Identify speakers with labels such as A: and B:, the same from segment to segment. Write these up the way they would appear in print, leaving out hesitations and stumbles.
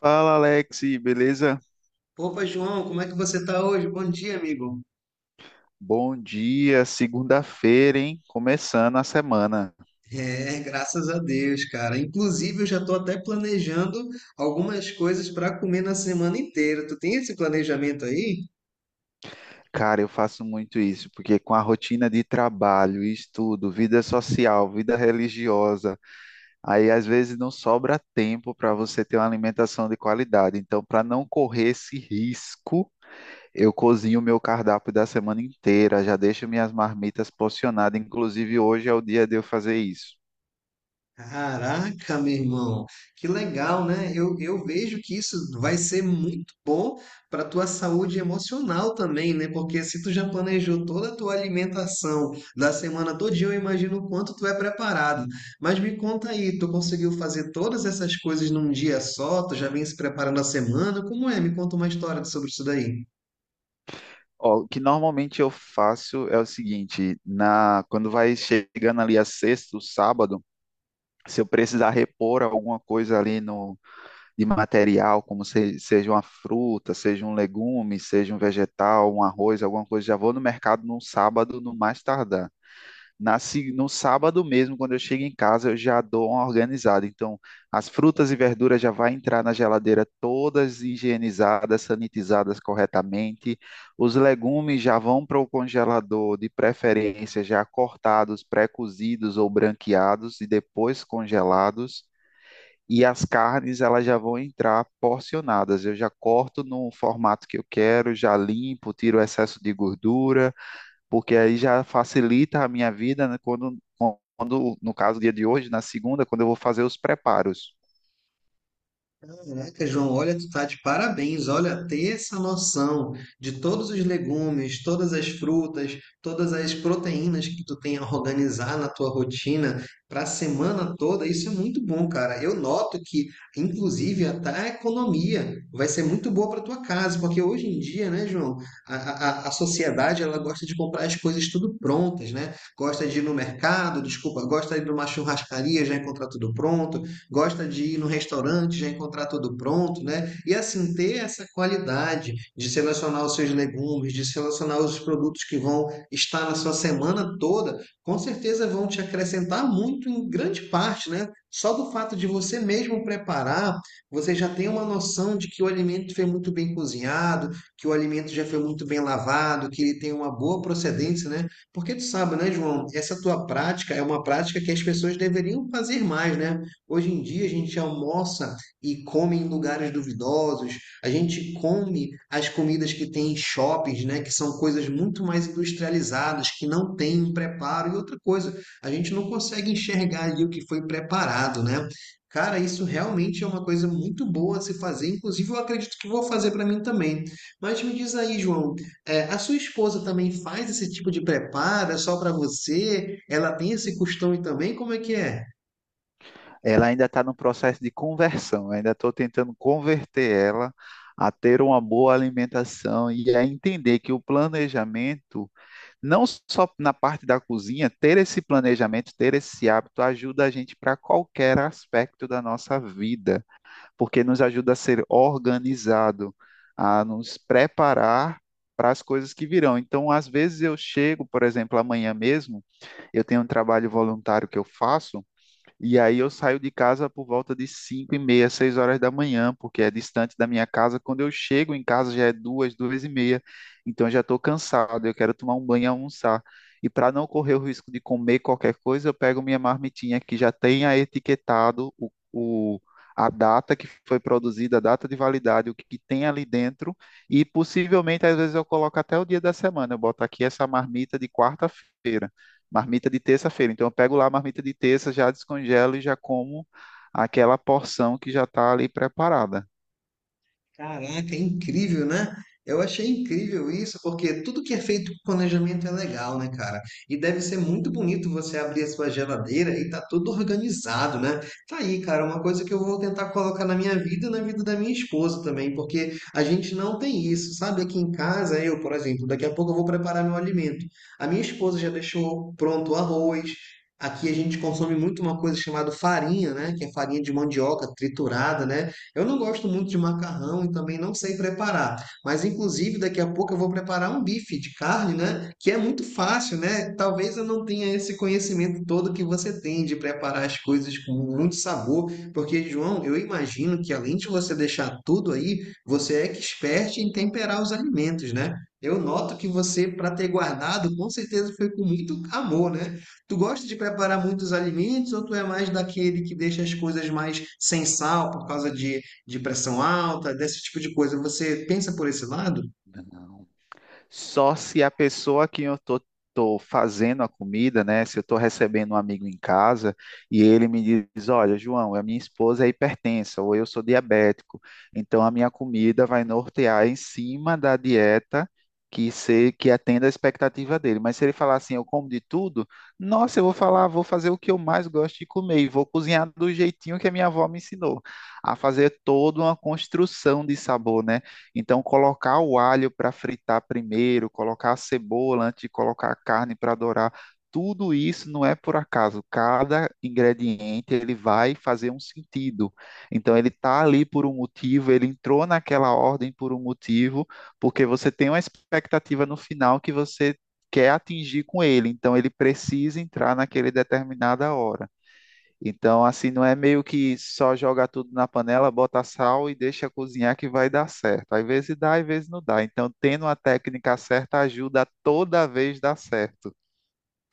A: Fala, Alex, beleza?
B: Opa, João, como é que você tá hoje? Bom dia, amigo.
A: Bom dia, segunda-feira, hein? Começando a semana.
B: É, graças a Deus, cara. Inclusive, eu já tô até planejando algumas coisas para comer na semana inteira. Tu tem esse planejamento aí?
A: Cara, eu faço muito isso, porque com a rotina de trabalho, estudo, vida social, vida religiosa, aí às vezes não sobra tempo para você ter uma alimentação de qualidade. Então, para não correr esse risco, eu cozinho o meu cardápio da semana inteira, já deixo minhas marmitas porcionadas. Inclusive, hoje é o dia de eu fazer isso.
B: Caraca, meu irmão, que legal, né? Eu vejo que isso vai ser muito bom para tua saúde emocional também, né? Porque se tu já planejou toda a tua alimentação da semana todinha, eu imagino o quanto tu é preparado. Mas me conta aí, tu conseguiu fazer todas essas coisas num dia só? Tu já vem se preparando a semana? Como é? Me conta uma história sobre isso daí.
A: Ó, o que normalmente eu faço é o seguinte, na quando vai chegando ali a sexta, o sábado, se eu precisar repor alguma coisa ali de material, como seja uma fruta, seja um legume, seja um vegetal, um arroz, alguma coisa, já vou no mercado no sábado, no mais tardar. Na, se- No sábado mesmo, quando eu chego em casa, eu já dou uma organizada. Então, as frutas e verduras já vai entrar na geladeira todas higienizadas, sanitizadas corretamente. Os legumes já vão para o congelador, de preferência já cortados, pré-cozidos ou branqueados e depois congelados. E as carnes, elas já vão entrar porcionadas. Eu já corto no formato que eu quero, já limpo, tiro o excesso de gordura porque aí já facilita a minha vida né, quando no caso, dia de hoje, na segunda, quando eu vou fazer os preparos.
B: Caraca, João, olha, tu tá de parabéns. Olha, ter essa noção de todos os legumes, todas as frutas, todas as proteínas que tu tem a organizar na tua rotina para a semana toda, isso é muito bom, cara. Eu noto que, inclusive, até a economia vai ser muito boa para tua casa, porque hoje em dia, né, João, a sociedade ela gosta de comprar as coisas tudo prontas, né? Gosta de ir no mercado, desculpa, gosta de ir numa churrascaria já encontrar tudo pronto, gosta de ir no restaurante, já encontrar tudo pronto, né? E assim, ter essa qualidade de selecionar os seus legumes, de selecionar os produtos que vão estar na sua semana toda, com certeza vão te acrescentar muito em grande parte, né? Só do fato de você mesmo preparar, você já tem uma noção de que o alimento foi muito bem cozinhado, que o alimento já foi muito bem lavado, que ele tem uma boa procedência, né? Porque tu sabe, né, João? Essa tua prática é uma prática que as pessoas deveriam fazer mais, né? Hoje em dia a gente almoça e come em lugares duvidosos, a gente come as comidas que tem em shoppings, né, que são coisas muito mais industrializadas, que não têm um preparo. E outra coisa, a gente não consegue enxergar ali o que foi preparado, né? Cara, isso realmente é uma coisa muito boa a se fazer, inclusive eu acredito que vou fazer para mim também. Mas me diz aí, João, é, a sua esposa também faz esse tipo de preparo? É só para você? Ela tem esse costume também? Como é que é?
A: Ela ainda está no processo de conversão, eu ainda estou tentando converter ela a ter uma boa alimentação e a entender que o planejamento, não só na parte da cozinha, ter esse planejamento, ter esse hábito ajuda a gente para qualquer aspecto da nossa vida. Porque nos ajuda a ser organizado, a nos preparar para as coisas que virão. Então, às vezes eu chego, por exemplo, amanhã mesmo, eu tenho um trabalho voluntário que eu faço. E aí eu saio de casa por volta de cinco e meia, 6 horas da manhã, porque é distante da minha casa. Quando eu chego em casa já é duas, duas e meia. Então eu já estou cansado, eu quero tomar um banho e almoçar. E para não correr o risco de comer qualquer coisa, eu pego minha marmitinha que já tenha etiquetado a data que foi produzida, a data de validade, o que, que tem ali dentro. E possivelmente, às vezes, eu coloco até o dia da semana. Eu boto aqui essa marmita de quarta-feira, marmita de terça-feira. Então eu pego lá a marmita de terça, já descongelo e já como aquela porção que já está ali preparada.
B: Caraca, é incrível, né? Eu achei incrível isso, porque tudo que é feito com planejamento é legal, né, cara? E deve ser muito bonito você abrir a sua geladeira e tá tudo organizado, né? Tá aí, cara, uma coisa que eu vou tentar colocar na minha vida e na vida da minha esposa também, porque a gente não tem isso, sabe? Aqui em casa, eu, por exemplo, daqui a pouco eu vou preparar meu alimento. A minha esposa já deixou pronto o arroz. Aqui a gente consome muito uma coisa chamada farinha, né? Que é farinha de mandioca triturada, né? Eu não gosto muito de macarrão e também não sei preparar, mas inclusive daqui a pouco eu vou preparar um bife de carne, né? Que é muito fácil, né? Talvez eu não tenha esse conhecimento todo que você tem de preparar as coisas com muito sabor, porque, João, eu imagino que além de você deixar tudo aí, você é expert em temperar os alimentos, né? Eu noto que você, para ter guardado, com certeza foi com muito amor, né? Tu gosta de preparar muitos alimentos ou tu é mais daquele que deixa as coisas mais sem sal por causa de pressão alta, desse tipo de coisa. Você pensa por esse lado?
A: Não. Só se a pessoa que tô fazendo a comida, né? Se eu tô recebendo um amigo em casa e ele me diz, olha, João, a minha esposa é hipertensa ou eu sou diabético, então a minha comida vai nortear em cima da dieta que se que atenda a expectativa dele. Mas se ele falar assim, eu como de tudo, nossa, eu vou falar, vou fazer o que eu mais gosto de comer e vou cozinhar do jeitinho que a minha avó me ensinou, a fazer toda uma construção de sabor, né? Então, colocar o alho para fritar primeiro, colocar a cebola antes de colocar a carne para dourar, tudo isso não é por acaso. Cada ingrediente ele vai fazer um sentido. Então, ele está ali por um motivo, ele entrou naquela ordem por um motivo, porque você tem uma expectativa no final que você quer atingir com ele. Então, ele precisa entrar naquele determinada hora. Então, assim, não é meio que só joga tudo na panela, bota sal e deixa cozinhar que vai dar certo. Às vezes dá, às vezes não dá. Então, tendo a técnica certa ajuda a toda vez dar certo.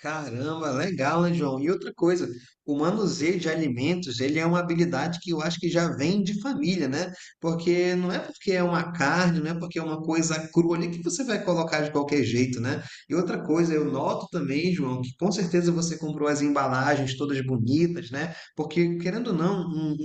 B: Caramba, legal, né, João? E outra coisa, o manuseio de alimentos, ele é uma habilidade que eu acho que já vem de família, né? Porque não é porque é uma carne, não é porque é uma coisa crua ali que você vai colocar de qualquer jeito, né? E outra coisa, eu noto também, João, que com certeza você comprou as embalagens todas bonitas, né? Porque, querendo ou não, um,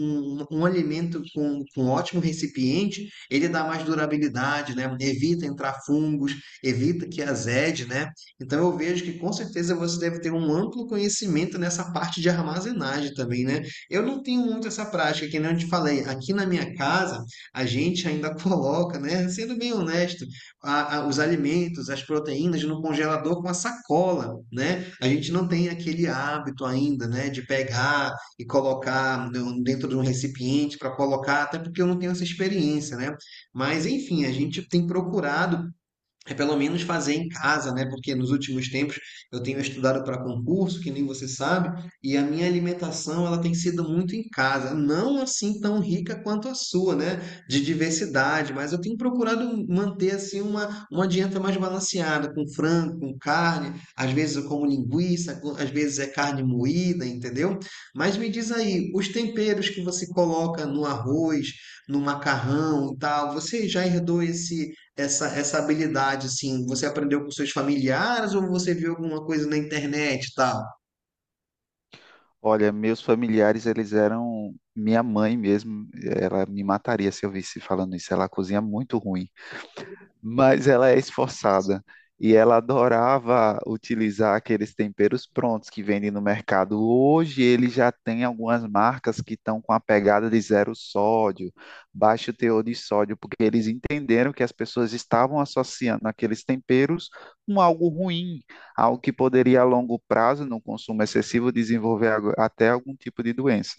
B: um- um alimento com ótimo recipiente, ele dá mais durabilidade, né? Evita entrar fungos, evita que azede, né? Então eu vejo que com certeza você deve ter um amplo conhecimento nessa parte de armazenagem também, né? Eu não tenho muito essa prática, que nem eu te falei, aqui na minha casa a gente ainda coloca, né? Sendo bem honesto, os alimentos, as proteínas no congelador com a sacola, né? A gente não tem aquele hábito ainda, né? De pegar e colocar no- dentro de um recipiente para colocar, até porque eu não tenho essa experiência, né? Mas enfim, a gente tem procurado é pelo menos fazer em casa, né? Porque nos últimos tempos eu tenho estudado para concurso, que nem você sabe, e a minha alimentação ela tem sido muito em casa, não assim tão rica quanto a sua, né? De diversidade, mas eu tenho procurado manter assim uma dieta mais balanceada, com frango, com carne, às vezes eu como linguiça, co- às vezes é carne moída, entendeu? Mas me diz aí, os temperos que você coloca no arroz, no macarrão e tal, você já herdou esse essa, essa habilidade, assim, você aprendeu com seus familiares ou você viu alguma coisa na internet e tal?
A: Olha, meus familiares, eles eram minha mãe mesmo, ela me mataria se eu visse falando isso. Ela cozinha muito ruim, mas ela é esforçada. E ela adorava utilizar aqueles temperos prontos que vendem no mercado. Hoje ele já tem algumas marcas que estão com a pegada de zero sódio, baixo teor de sódio, porque eles entenderam que as pessoas estavam associando aqueles temperos com algo ruim, algo que poderia a longo prazo, no consumo excessivo, desenvolver até algum tipo de doença.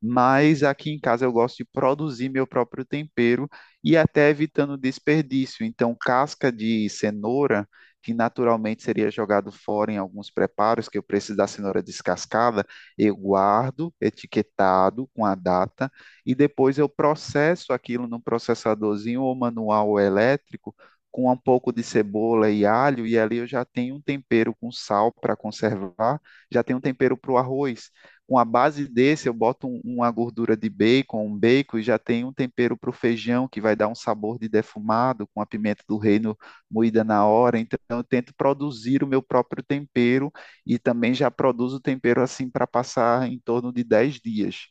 A: Mas aqui em casa eu gosto de produzir meu próprio tempero e até evitando desperdício. Então, casca de cenoura, que naturalmente seria jogado fora em alguns preparos, que eu preciso da cenoura descascada, eu guardo etiquetado com a data e depois eu processo aquilo num processadorzinho ou manual ou elétrico com um pouco de cebola e alho, e ali eu já tenho um tempero com sal para conservar, já tenho um tempero para o arroz, com a base desse, eu boto uma gordura de bacon, um bacon, e já tem um tempero para o feijão que vai dar um sabor de defumado, com a pimenta do reino moída na hora. Então, eu tento produzir o meu próprio tempero e também já produzo o tempero assim para passar em torno de 10 dias.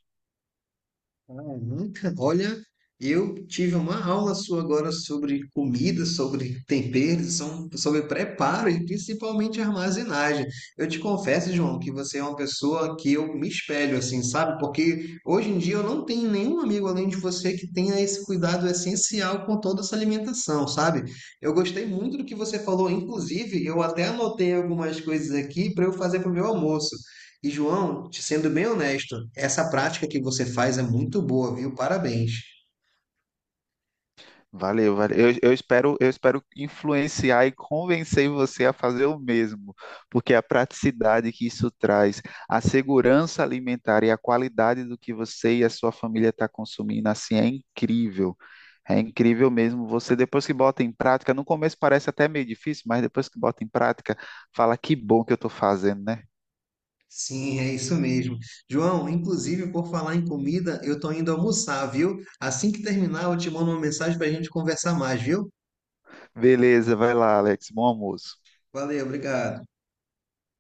B: Ah, nunca. Olha, eu tive uma aula sua agora sobre comida, sobre temperos, som- sobre preparo e principalmente armazenagem. Eu te confesso, João, que você é uma pessoa que eu me espelho, assim, sabe? Porque hoje em dia eu não tenho nenhum amigo além de você que tenha esse cuidado essencial com toda essa alimentação, sabe? Eu gostei muito do que você falou, inclusive eu até anotei algumas coisas aqui para eu fazer para o meu almoço. E João, te sendo bem honesto, essa prática que você faz é muito boa, viu? Parabéns.
A: Valeu, valeu. Eu espero influenciar e convencer você a fazer o mesmo, porque a praticidade que isso traz, a segurança alimentar e a qualidade do que você e a sua família estão consumindo, assim, é incrível. É incrível mesmo. Você, depois que bota em prática, no começo parece até meio difícil, mas depois que bota em prática, fala que bom que eu estou fazendo, né?
B: Sim, é isso mesmo. João, inclusive, por falar em comida, eu tô indo almoçar, viu? Assim que terminar, eu te mando uma mensagem pra gente conversar mais, viu?
A: Beleza, vai lá, Alex. Bom almoço.
B: Valeu, obrigado.